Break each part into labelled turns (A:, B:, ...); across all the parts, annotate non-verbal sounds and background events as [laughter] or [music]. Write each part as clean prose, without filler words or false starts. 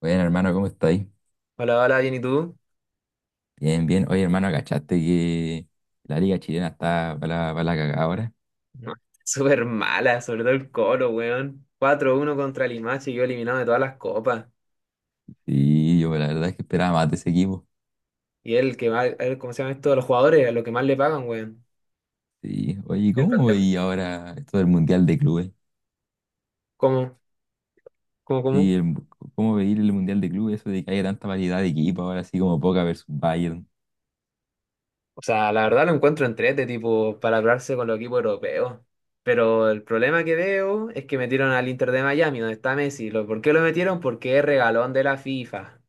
A: Bueno, hermano, ¿cómo estáis?
B: Hola, hola, bien, ¿y tú?
A: Bien, bien. Oye, hermano, ¿cachaste que la liga chilena está para la cagada ahora?
B: No, [laughs] súper mala, sobre todo el Colo, weón. Cuatro uno contra el Limache, yo eliminado de todas las copas.
A: Sí, yo la verdad es que esperaba más de ese equipo.
B: Y él que va, él, ¿cómo se llama esto? A los jugadores, a lo que más le pagan, weón.
A: Sí. Oye, ¿y
B: El
A: ¿cómo
B: plantel-
A: veí ahora esto del Mundial de Clubes?
B: ¿Cómo? ¿Cómo?
A: Sí, el- ¿Cómo veí el Mundial de Clubes? Eso de que haya tanta variedad de equipos ahora, así como Boca versus Bayern.
B: O sea, la verdad lo encuentro entrete, tipo, para hablarse con los equipos europeos. Pero el problema que veo es que metieron al Inter de Miami, donde está Messi. ¿Lo- ¿Por qué lo metieron? Porque es regalón de la FIFA.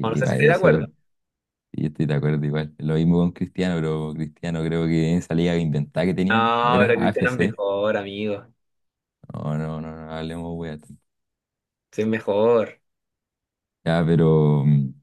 B: O no sé si
A: va,
B: estoy de acuerdo.
A: eso, sí, yo estoy de acuerdo igual. Lo mismo con Cristiano, pero Cristiano creo que en esa liga inventada que tenían, como
B: No,
A: era
B: pero Cristiano es
A: AFC.
B: mejor, amigo.
A: No, no, no, no hablemos, wea.
B: Sí, es mejor.
A: Ya, pero...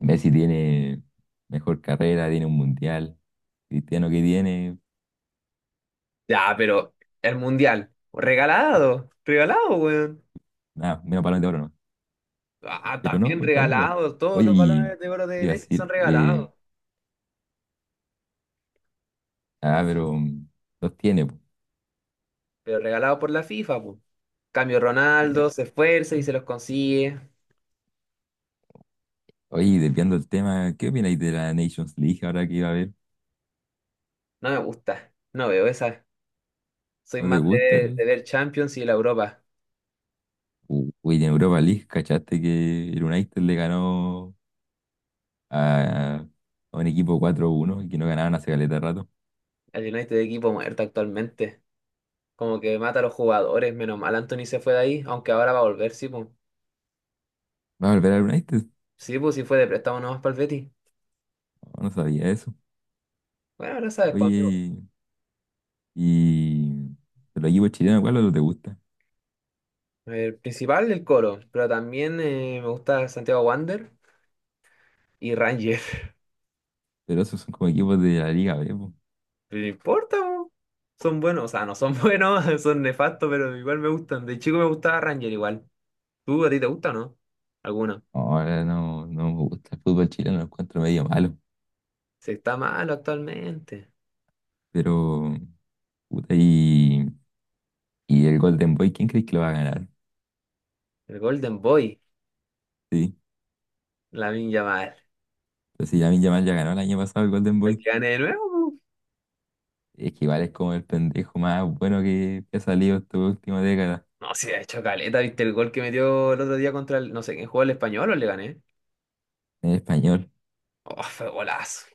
A: Messi tiene mejor carrera, tiene un mundial. Cristiano que tiene,
B: Ya, pero el mundial, regalado, regalado, weón.
A: nada, menos balón de oro, ¿no?
B: Ah,
A: Pero no,
B: también
A: pues está bien igual.
B: regalado, todos
A: Oye,
B: los
A: y
B: balones de oro
A: te
B: de
A: iba a
B: Messi son
A: decir,
B: regalados,
A: ah, pero mm, los tiene, pues.
B: pero regalados por la FIFA, pues. Cambio
A: Ya.
B: Ronaldo, se esfuerza y se los consigue.
A: Oye, y desviando el tema, ¿qué opináis de la Nations League ahora que iba a haber?
B: No me gusta, no veo esa. Soy
A: ¿No te
B: más
A: gusta
B: de,
A: el?
B: de ver Champions y la Europa.
A: U- Uy, en Europa League, ¿cachaste que el United le ganó a, a un equipo 4-1 y que no ganaban hace caleta de rato?
B: El United de equipo muerto actualmente. Como que mata a los jugadores, menos mal Anthony se fue de ahí, aunque ahora va a volver, sí, pues.
A: ¿Va a volver al United?
B: Sí, pues, si fue de préstamo nomás para el Betis.
A: No, no sabía eso.
B: Bueno, ahora sabes, pues, amigo.
A: Oye, y los equipos chilenos, ¿cuál no te gusta?
B: El principal, el Colo, pero también me gusta Santiago Wander y Ranger.
A: Pero esos son como equipos de la Liga B, po.
B: [laughs] Pero no importa, po. Son buenos, o sea, no son [laughs] buenos, son nefastos, pero igual me gustan. De chico me gustaba Ranger igual. ¿Tú a ti te gusta o no? ¿Alguno?
A: Ahora no, no me gusta el fútbol chileno, lo encuentro medio malo.
B: Se está malo actualmente.
A: Pero, puta, y el Golden Boy, ¿quién crees que lo va a ganar?
B: El Golden Boy,
A: Sí.
B: la Yamal.
A: Entonces Lamine Yamal ya ganó el año pasado el Golden
B: El
A: Boy.
B: que gane de nuevo, po.
A: Es que igual es como el pendejo más bueno que ha salido esta última década
B: No, si ha hecho caleta, ¿viste el gol que metió el otro día contra el, no sé quién jugó el español o le gané?
A: en español.
B: Oh, fue golazo.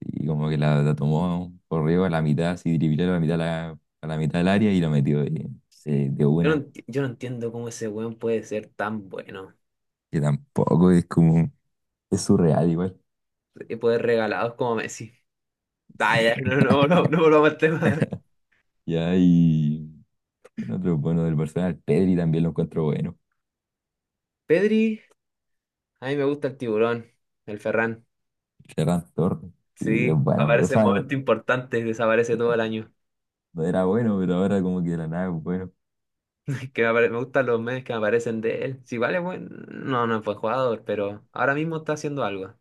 A: Y como que la tomó corrió a la mitad, así dribló a la mitad, a la mitad del área y lo metió
B: Sí.
A: de
B: Yo no,
A: una.
B: enti- yo no entiendo cómo ese weón puede ser tan bueno.
A: Que tampoco es como. Es surreal igual.
B: Y poder regalados como Messi. Ah, ya, no, volvamos al tema.
A: Ya, y en otro bueno del personal, Pedri también lo encuentro bueno.
B: Pedri, a mí me gusta el tiburón, el Ferran.
A: Ferran Torres, y es
B: Sí,
A: bueno. O
B: aparece en
A: sea, no,
B: momentos importantes, desaparece todo el año.
A: no era bueno, pero ahora como que de la nada es bueno.
B: [laughs] Me gustan los memes que me aparecen de él. Si vale, bueno, no, no fue jugador, pero ahora mismo está haciendo algo.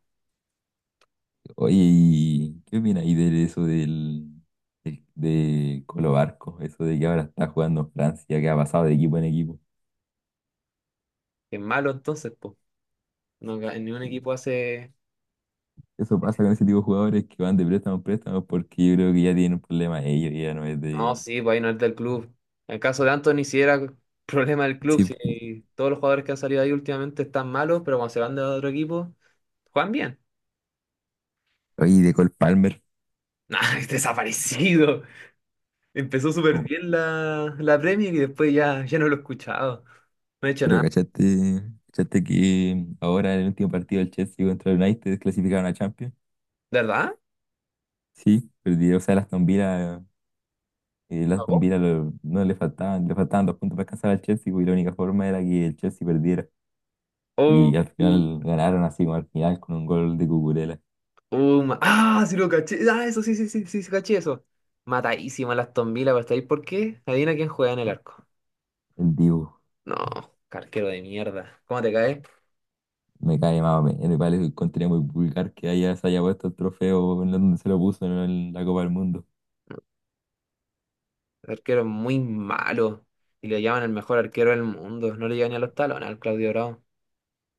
A: Oye, ¿y qué opinas ahí de eso de Colo Barco? Eso de que ahora está jugando en Francia, que ha pasado de equipo en equipo.
B: Que es malo entonces, pues. No, ga- ningún equipo hace...
A: Eso pasa con ese tipo de jugadores que van de préstamo en préstamo porque yo creo que ya tienen un problema ellos, ya no es
B: No,
A: de...
B: sí, pues ahí no es del club. En el caso de Anthony, sí era [laughs] problema del club.
A: Sí,
B: Si todos los jugadores que han salido ahí últimamente están malos, pero cuando se van de otro equipo, juegan bien.
A: oye, y de Cole Palmer.
B: Nah, [laughs] es desaparecido. Empezó súper bien la Premier y después ya, ya no lo he escuchado. No he hecho
A: Pero
B: nada.
A: cachaste, cachaste que ahora en el último partido del Chelsea contra el United clasificaron a Champions.
B: ¿De ¿Verdad?
A: Sí, perdieron, o sea, el
B: ¿Cagó?
A: Aston Villa no le faltaban, le faltaban 2 puntos para alcanzar al Chelsea, pues, y la única forma era que el Chelsea perdiera.
B: Oh,
A: Y al final ganaron así como al final con un gol de Cucurella.
B: oh, ma- ah, sí lo caché. Ah, eso sí, sí, sí, sí, sí, caché eso. Matadísima las Aston Villa, pero está ahí. ¿Por qué? Adivina quién juega en el arco.
A: El Dibu
B: No, qué arquero de mierda. ¿Cómo te cae?
A: me cae más o menos, me parece un contenido muy vulgar que haya, se haya puesto el trofeo en donde se lo puso, ¿no?, en la Copa del Mundo.
B: El arquero es muy malo. Y le llaman el mejor arquero del mundo. No le llegan ni a los talones al Claudio Bravo.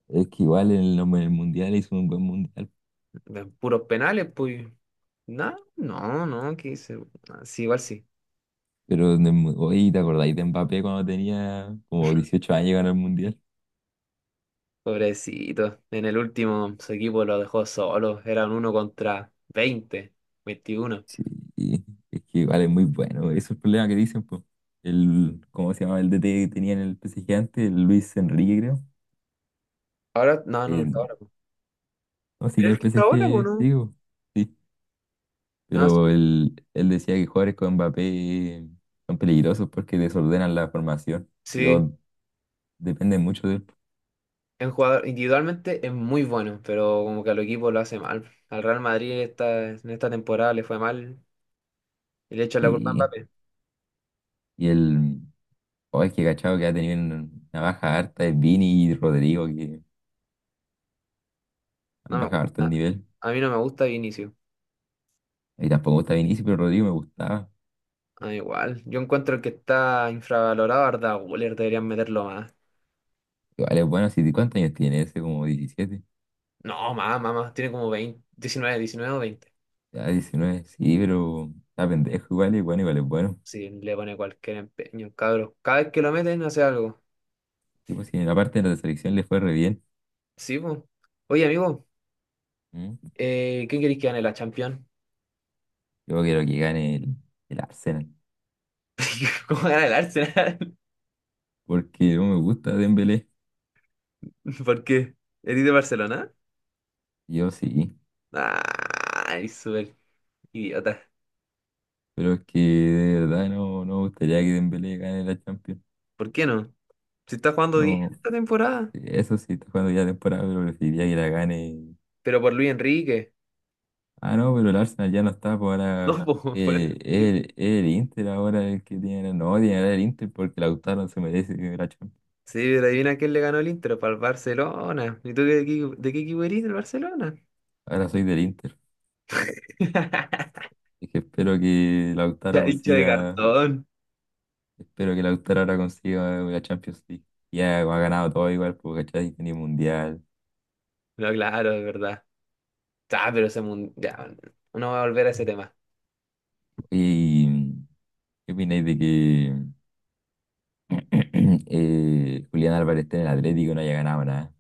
A: Es que igual en en el Mundial hizo un buen Mundial.
B: De puros penales, pues. No, que se... sí, igual sí.
A: Pero, en el oye, ¿te acordáis de Mbappé cuando tenía como 18 años y ganó el Mundial?
B: Pobrecito. En el último su equipo lo dejó solo. Eran uno contra 20 veintiuno.
A: Sí, es que igual es muy bueno. Eso es el problema que dicen, pues. El, ¿cómo se llama? El DT que tenía en el PSG antes, el Luis Enrique, creo.
B: Ahora, no está
A: El,
B: ahora. Po.
A: no, sí que
B: ¿Es
A: el
B: que está ahora po,
A: PSG,
B: no?
A: digo, sí.
B: Ah, sí.
A: Pero él decía que jugadores con Mbappé son peligrosos porque desordenan la formación. Y
B: Sí.
A: todo depende mucho de él.
B: Es un jugador individualmente es muy bueno, pero como que al equipo lo hace mal. Al Real Madrid esta, en esta temporada le fue mal y le echan la culpa a
A: Y,
B: Mbappé.
A: y el, oh, es que cachado que ha tenido una baja harta es Vini y Rodrigo, que
B: No
A: han
B: me
A: bajado harto el
B: gusta.
A: nivel.
B: A mí no me gusta Vinicius.
A: Y tampoco está Vinicius, pero Rodrigo me gustaba.
B: Ah, igual. Yo encuentro que está infravalorado Arda Güler. Deberían meterlo más.
A: Igual es bueno, si ¿cuántos años tiene ese? Como 17.
B: No, más, más, más. Tiene como 20, 19, 19 o 20.
A: Ya 19 sí, pero está pendejo igual, y bueno, igual es bueno.
B: Si le pone cualquier empeño, cabros. Cada vez que lo meten hace algo.
A: Y pues si en la parte de la selección le fue re bien.
B: Sí, po. Oye, amigo,
A: ¿Mm?
B: ¿quién queréis que gane la Champions?
A: Yo quiero que gane el Arsenal.
B: [laughs] ¿Cómo gana el Arsenal?
A: Porque no me gusta Dembélé,
B: [laughs] ¿Por qué? ¿Eres de Barcelona?
A: yo sí.
B: Ay, súper idiota.
A: Pero es que de verdad no, no me gustaría que Dembélé gane la Champions.
B: ¿Por qué no? Si está jugando bien
A: No,
B: esta temporada.
A: eso sí, está jugando ya temporada, pero preferiría que la gane.
B: Pero por Luis Enrique. [laughs]
A: Ah, no, pero el Arsenal ya no está, pues ahora
B: No, po, por esta opción.
A: el Inter, ahora el que tiene, no, tiene que ganar el Inter porque Lautaro no se merece que la Champions.
B: Sí, pero adivina quién le ganó el Inter, para el Barcelona. ¿Y tú de qué equipo eres del Barcelona?
A: Ahora soy del Inter,
B: [laughs]
A: y que espero que Lautaro
B: Ya, hincha de
A: consiga,
B: cartón.
A: espero que Lautaro ahora consiga la Champions League. Ya ha ganado todo igual, porque ¿cachai? Tiene Mundial.
B: No, claro, es verdad. Ah, pero ese mundial. No voy a volver a ese tema.
A: ¿Y qué opináis de que [clears throat] Julián Álvarez esté en el Atlético y no haya ganado nada?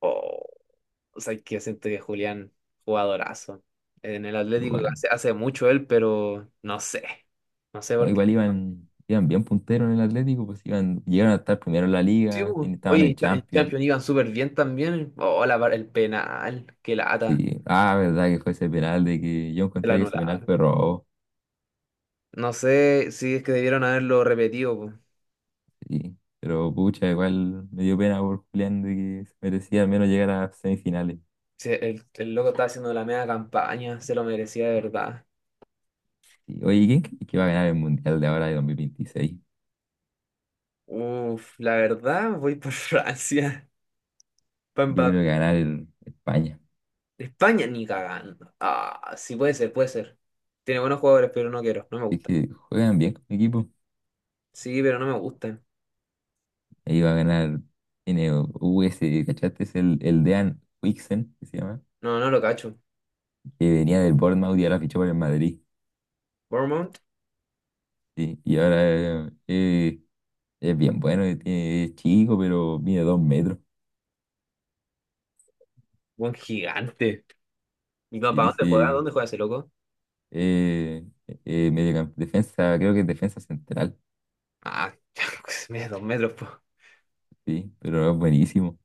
B: Oh, o sea, que siento que Julián, jugadorazo. En el Atlético
A: Igual.
B: hace mucho él, pero no sé. No sé
A: No,
B: por qué.
A: igual iban, iban bien punteros en el Atlético, pues iban, llegaron a estar primero en la
B: Sí,
A: liga,
B: po.
A: estaban
B: Oye,
A: en
B: en
A: Champions.
B: Champions iban súper bien también. Oh, la var- el penal. Qué lata.
A: Sí. Ah, verdad que fue ese penal de que yo
B: El
A: encontré que ese penal
B: anular.
A: fue robo.
B: No sé si es que debieron haberlo repetido. Po.
A: Sí. Pero pucha, igual me dio pena por Julián de que se merecía al menos llegar a semifinales.
B: Si el loco estaba haciendo la media campaña. Se lo merecía de verdad.
A: Sí. Oye, ¿quién crees que va a ganar el Mundial de ahora de 2026?
B: Uf, la verdad, voy por [laughs] Francia.
A: Yo
B: Pa'
A: creo que va a ganar España.
B: de España ni cagando. Ah, sí puede ser, puede ser. Tiene buenos jugadores, pero no quiero, no me
A: Es
B: gustan.
A: que juegan bien con mi equipo.
B: Sí, pero no me gustan.
A: Ahí va a ganar, tiene U S, ¿cachaste? Es el Dean Huijsen, que se llama,
B: No, no lo cacho.
A: que venía del Bournemouth y ahora fichó por el Madrid.
B: Bournemouth,
A: Sí, y ahora es bien bueno, es chico, pero mide 2 metros.
B: buen gigante. ¿Y no, para
A: Sí,
B: dónde juega?
A: sí.
B: ¿Dónde juega ese loco?
A: Eh, defensa, creo que es defensa central,
B: Ah, [laughs] mide dos metros, po.
A: sí, pero es buenísimo.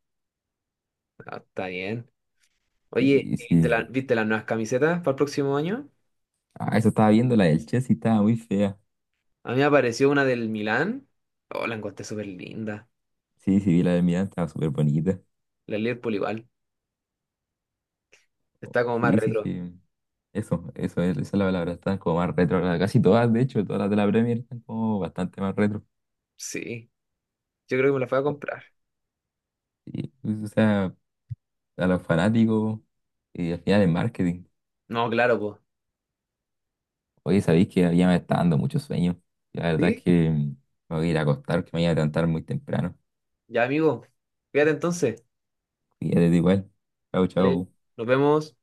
B: Ah, está bien. Oye,
A: Sí, sí.
B: ¿viste las nuevas camisetas para el próximo año?
A: Ah, eso estaba viendo, la del Chelsea estaba muy fea.
B: A mí me apareció una del Milán. Oh, la encontré súper linda.
A: Sí, sí, vi la del Milan, estaba súper bonita.
B: La Liverpool igual. Está como más
A: Sí, sí,
B: retro.
A: que esa es la palabra, están como más retro. Casi todas, de hecho, todas las de la Premier están como bastante más retro.
B: Sí, yo creo que me la voy a comprar.
A: Sí, o sea, a los fanáticos, y al final es marketing.
B: No, claro, pues.
A: Oye, sabéis que ya me está dando mucho sueño. La verdad es
B: Sí,
A: que me voy a ir a acostar, que me voy a levantar muy temprano.
B: ya amigo. Fíjate entonces.
A: Y ya te digo igual. Chau,
B: Dale,
A: chau.
B: nos vemos.